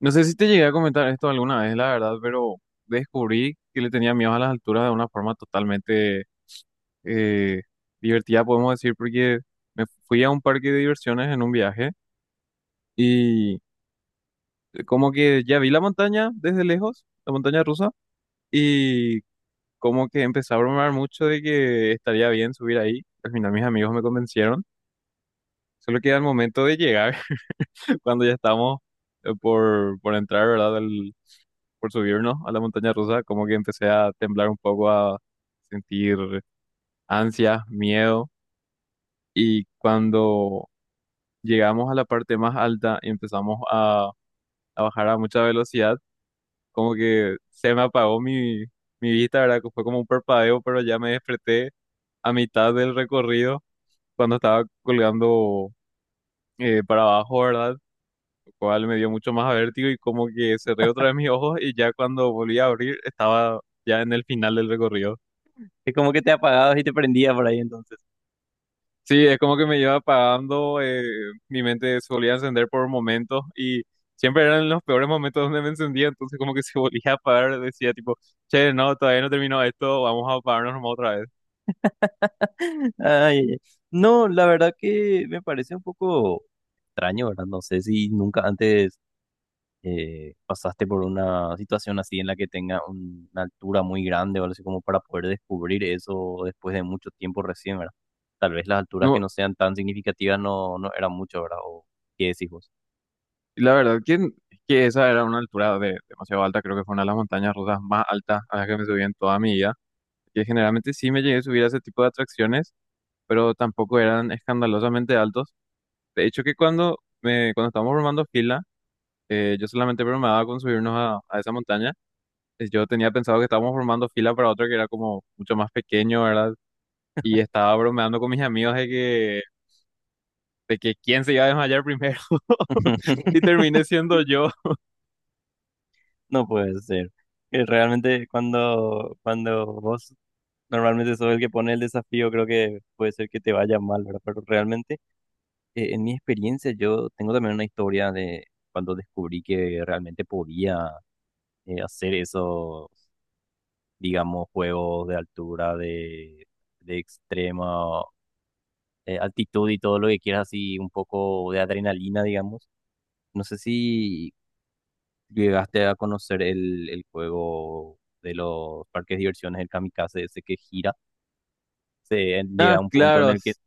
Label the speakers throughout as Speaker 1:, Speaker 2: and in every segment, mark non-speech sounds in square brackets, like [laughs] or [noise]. Speaker 1: No sé si te llegué a comentar esto alguna vez, la verdad, pero descubrí que le tenía miedo a las alturas de una forma totalmente eh, divertida, podemos decir, porque me fui a un parque de diversiones en un viaje y como que ya vi la montaña desde lejos, la montaña rusa, y como que empecé a bromear mucho de que estaría bien subir ahí. Al final mis amigos me convencieron, solo que al momento de llegar, [laughs] cuando ya estamos por entrar, ¿verdad? Por subirnos a la montaña rusa, como que empecé a temblar un poco, a sentir ansia, miedo. Y cuando llegamos a la parte más alta y empezamos a bajar a mucha velocidad, como que se me apagó mi vista, ¿verdad? Que Fue como un parpadeo, pero ya me desperté a mitad del recorrido cuando estaba colgando para abajo, ¿verdad? Lo cual me dio mucho más vértigo y como que cerré otra vez mis ojos y ya cuando volví a abrir estaba ya en el final del recorrido.
Speaker 2: Es como que te apagabas y te prendía por ahí entonces.
Speaker 1: Sí, es como que me iba apagando, mi mente solía encender por momentos y siempre eran los peores momentos donde me encendía, entonces como que se [laughs] volvía a apagar, decía tipo, che, no, todavía no terminó esto, vamos a apagarnos nomás otra vez.
Speaker 2: [laughs] Ay, ay, ay. No, la verdad que me parece un poco extraño, ¿verdad? No sé si nunca antes pasaste por una situación así en la que tenga una altura muy grande o algo así como para poder descubrir eso después de mucho tiempo recién, ¿verdad? Tal vez las alturas que
Speaker 1: No,
Speaker 2: no sean tan significativas no, no eran mucho, ¿verdad? ¿O qué decís vos?
Speaker 1: la verdad que esa era una altura de, demasiado alta, creo que fue una de las montañas rusas más altas a las que me subí en toda mi vida, que generalmente sí me llegué a subir a ese tipo de atracciones, pero tampoco eran escandalosamente altos. De hecho que cuando, me, cuando estábamos formando fila, yo solamente bromaba con subirnos a esa montaña yo tenía pensado que estábamos formando fila para otro que era como mucho más pequeño, ¿verdad? Y estaba bromeando con mis amigos de que quién se iba a desmayar primero. [laughs] Y
Speaker 2: [laughs]
Speaker 1: terminé siendo yo.
Speaker 2: No puede ser. Que realmente cuando, cuando vos Normalmente soy el que pone el desafío, creo que puede ser que te vaya mal, ¿verdad? Pero realmente, en mi experiencia, yo tengo también una historia de cuando descubrí que realmente podía hacer esos, digamos, juegos de altura, de extrema altitud y todo lo que quieras, así un poco de adrenalina, digamos. No sé si llegaste a conocer el juego de los parques de diversiones, el Kamikaze, ese que gira. Se llega
Speaker 1: Ah,
Speaker 2: a un punto en
Speaker 1: claro.
Speaker 2: el que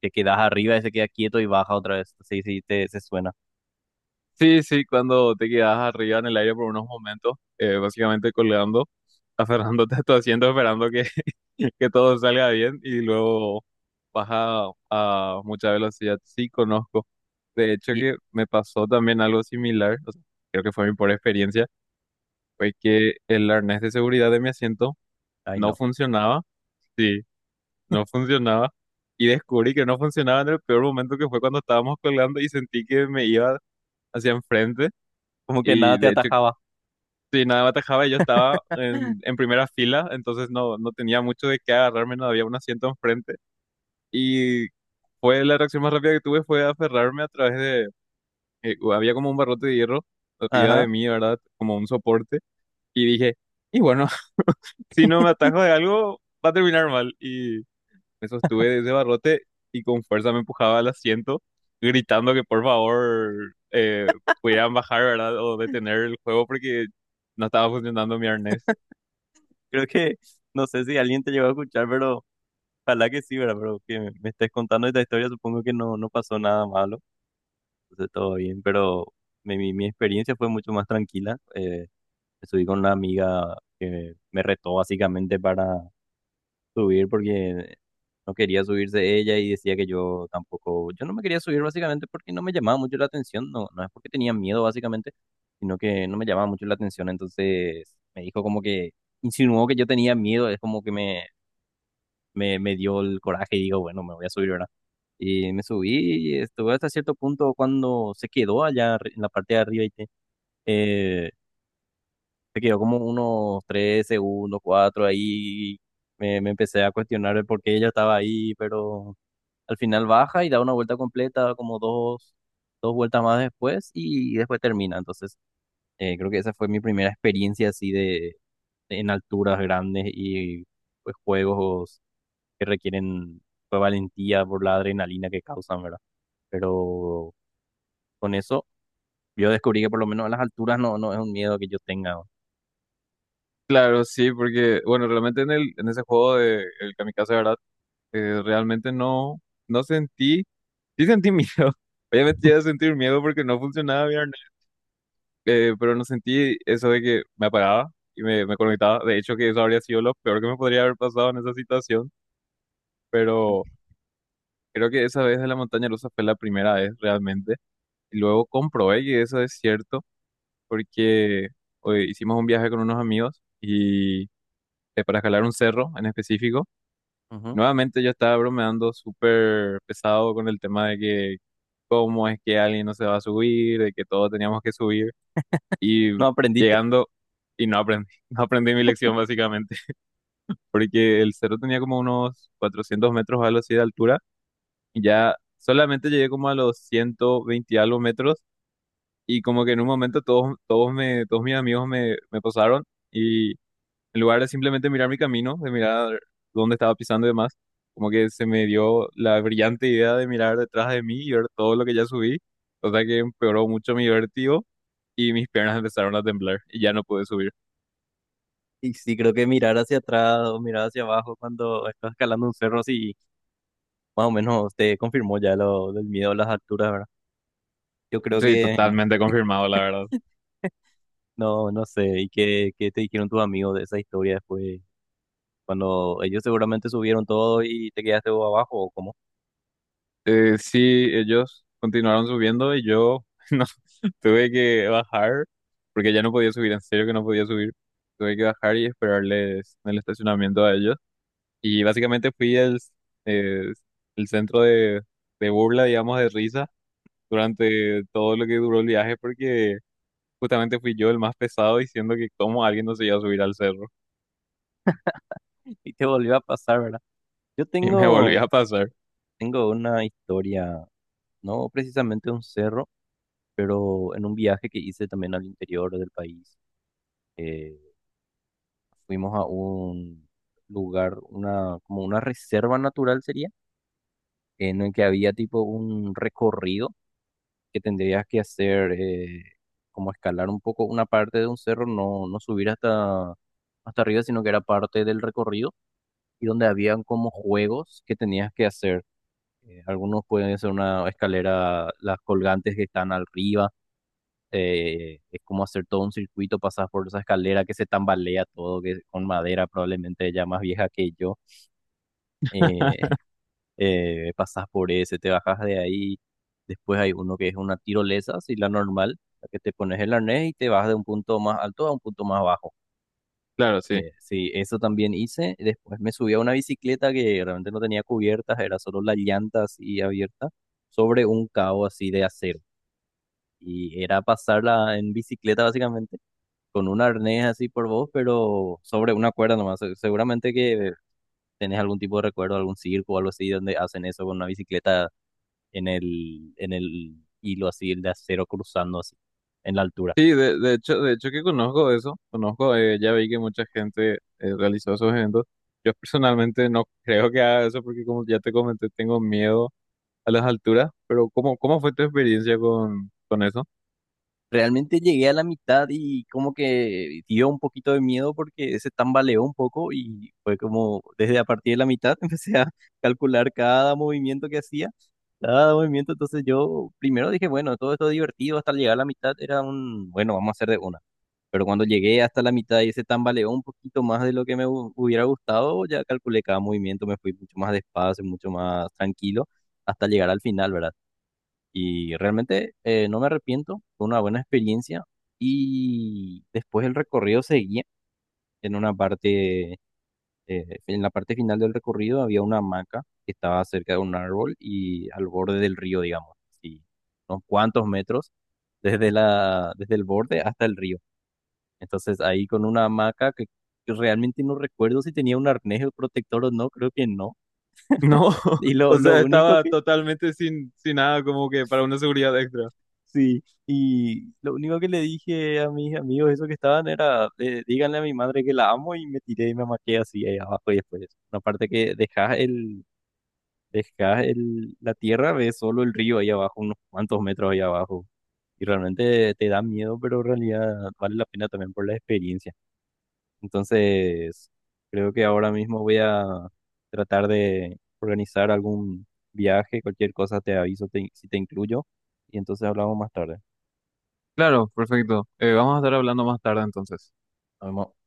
Speaker 2: te quedas arriba y se queda quieto y baja otra vez. Sí, sí, se suena.
Speaker 1: Sí, sí, cuando te quedas arriba en el aire por unos momentos, básicamente colgando, aferrándote a tu asiento, esperando [laughs] que todo salga bien y luego baja a mucha velocidad. Sí, conozco. De hecho,
Speaker 2: Y,
Speaker 1: que me pasó también algo similar. O sea, creo que fue mi pobre experiencia fue que el arnés de seguridad de mi asiento
Speaker 2: Ay,
Speaker 1: no
Speaker 2: no.
Speaker 1: funcionaba, sí, no funcionaba, y descubrí que no funcionaba en el peor momento que fue cuando estábamos colgando y sentí que me iba hacia enfrente
Speaker 2: Como que nada
Speaker 1: y
Speaker 2: te
Speaker 1: de hecho,
Speaker 2: atajaba.
Speaker 1: si nada me atajaba, yo estaba en primera fila, entonces no, no tenía mucho de qué agarrarme, no había un asiento enfrente y fue la reacción más rápida que tuve fue aferrarme a través de, había como un barrote de hierro arriba
Speaker 2: Ajá.
Speaker 1: de mí, ¿verdad? Como un soporte y dije... Y bueno, si no me atajo de algo, va a terminar mal. Y me sostuve de ese barrote y con fuerza me empujaba al asiento, gritando que por favor pudieran bajar, ¿verdad? O detener el juego porque no estaba funcionando mi arnés.
Speaker 2: Creo que, no sé si alguien te llegó a escuchar, pero ojalá que sí, ¿verdad? Pero que me estés contando esta historia, supongo que no, no pasó nada malo. Entonces, todo bien, pero mi experiencia fue mucho más tranquila. Me subí con una amiga que me retó básicamente para subir porque no quería subirse ella y decía que yo tampoco, yo no me quería subir básicamente porque no me llamaba mucho la atención, no, no es porque tenía miedo básicamente, sino que no me llamaba mucho la atención, entonces me dijo como que insinuó que yo tenía miedo, es como que me dio el coraje y digo, bueno, me voy a subir, ¿verdad? Y me subí y estuve hasta cierto punto cuando se quedó en la parte de arriba y se quedó como unos 3 segundos, cuatro, ahí me empecé a cuestionar el por qué ella estaba ahí, pero al final baja y da una vuelta completa, como dos vueltas más después y después termina. Entonces, creo que esa fue mi primera experiencia así de, en alturas grandes y pues juegos que requieren pues, valentía por la adrenalina que causan, ¿verdad? Pero con eso yo descubrí que por lo menos a las alturas no, no es un miedo que yo tenga.
Speaker 1: Claro, sí, porque, bueno, realmente en ese juego de el Kamikaze, ¿verdad? Realmente no, No sentí, sí sentí miedo. [laughs] Obviamente llegué a sentir miedo porque no funcionaba bien pero no sentí eso de que me apagaba y me conectaba. De hecho, que eso habría sido lo peor que me podría haber pasado en esa situación, pero creo que esa vez de la montaña rusa fue la primera vez realmente. Y luego comprobé que eso es cierto porque hoy hicimos un viaje con unos amigos y para escalar un cerro en específico.
Speaker 2: Ujú.
Speaker 1: Nuevamente yo estaba bromeando súper pesado con el tema de que cómo es que alguien no se va a subir, de que todos teníamos que subir. Y
Speaker 2: No aprendiste.
Speaker 1: llegando y no aprendí, [laughs] no aprendí mi lección básicamente, [laughs] porque el cerro tenía como unos 400 metros o algo así de altura y ya solamente llegué como a los 120 y algo metros y como que en un momento todos mis amigos me posaron y en lugar de simplemente mirar mi camino, de mirar dónde estaba pisando y demás, como que se me dio la brillante idea de mirar detrás de mí y ver todo lo que ya subí, o sea que empeoró mucho mi vértigo y mis piernas empezaron a temblar y ya no pude subir.
Speaker 2: Y sí, creo que mirar hacia atrás o mirar hacia abajo cuando estás escalando un cerro, sí, más o menos te confirmó ya lo del miedo a las alturas, ¿verdad? Yo creo
Speaker 1: Sí,
Speaker 2: que,
Speaker 1: totalmente confirmado, la verdad.
Speaker 2: no, no sé, ¿y qué te dijeron tus amigos de esa historia después? Cuando ellos seguramente subieron todo y te quedaste vos abajo, ¿o cómo?
Speaker 1: Sí, ellos continuaron subiendo y yo [laughs] no tuve que bajar porque ya no podía subir, en serio que no podía subir. Tuve que bajar y esperarles en el estacionamiento a ellos. Y básicamente fui eh, el centro de burla, digamos, de risa durante todo lo que duró el viaje porque justamente fui yo el más pesado diciendo que cómo alguien no se iba a subir al cerro
Speaker 2: [laughs] Y te volvió a pasar, ¿verdad? Yo
Speaker 1: [laughs] y me volví
Speaker 2: tengo,
Speaker 1: a pasar.
Speaker 2: tengo una historia, no precisamente un cerro, pero en un viaje que hice también al interior del país. eh, Fuimos a un lugar, como una reserva natural sería, en el que había tipo un recorrido que tendrías que hacer, como escalar un poco una parte de un cerro, no, no subir hasta arriba, sino que era parte del recorrido, y donde habían como juegos que tenías que hacer. Algunos pueden hacer una escalera, las colgantes que están arriba. Es como hacer todo un circuito, pasas por esa escalera que se tambalea todo, que con madera probablemente ya más vieja que yo. eh,
Speaker 1: [laughs]
Speaker 2: [laughs] pasas por ese, te bajas de ahí, después hay uno que es una tirolesa, así la normal, la que te pones el arnés y te vas de un punto más alto a un punto más bajo.
Speaker 1: Claro, sí.
Speaker 2: Sí, eso también hice, después me subí a una bicicleta que realmente no tenía cubiertas, era solo las llantas y abierta, sobre un cabo así de acero. Y era pasarla en bicicleta básicamente, con un arnés así por vos, pero sobre una cuerda nomás. Seguramente que tenés algún tipo de recuerdo, algún circo o algo así donde hacen eso con una bicicleta en el hilo así, el de acero cruzando así, en la altura.
Speaker 1: Sí, de hecho que conozco eso, conozco, ya vi que mucha gente realizó esos eventos. Yo personalmente no creo que haga eso porque como ya te comenté, tengo miedo a las alturas, pero cómo fue tu experiencia con eso? [laughs]
Speaker 2: Realmente llegué a la mitad y como que dio un poquito de miedo porque se tambaleó un poco y fue como desde a partir de la mitad [laughs] empecé a calcular cada movimiento que hacía, cada movimiento. Entonces yo primero dije, bueno, todo esto divertido hasta llegar a la mitad era bueno, vamos a hacer de uno. Pero cuando llegué hasta la mitad y se tambaleó un poquito más de lo que me hubiera gustado, ya calculé cada movimiento, me fui mucho más despacio, mucho más tranquilo, hasta llegar al final, ¿verdad? Y realmente no me arrepiento, fue una buena experiencia. Y después el recorrido seguía en una parte, en la parte final del recorrido había una hamaca que estaba cerca de un árbol y al borde del río, digamos, y unos cuantos metros desde el borde hasta el río. Entonces ahí con una hamaca que realmente no recuerdo si tenía un arnés o protector o no, creo que no.
Speaker 1: No, [laughs]
Speaker 2: Y lo,
Speaker 1: o
Speaker 2: lo
Speaker 1: sea,
Speaker 2: único
Speaker 1: estaba
Speaker 2: que,
Speaker 1: totalmente sin nada como que para una seguridad extra.
Speaker 2: sí, y lo único que le dije a mis amigos, esos que estaban, era, díganle a mi madre que la amo y me tiré y me amaqué así ahí abajo y después. Una parte que dejás la tierra, ves solo el río ahí abajo, unos cuantos metros ahí abajo. Y realmente te da miedo, pero en realidad vale la pena también por la experiencia. Entonces, creo que ahora mismo voy a tratar de organizar algún viaje, cualquier cosa te aviso si te incluyo y entonces hablamos más tarde.
Speaker 1: Claro, perfecto. Vamos a estar hablando más tarde entonces.
Speaker 2: Nos vemos.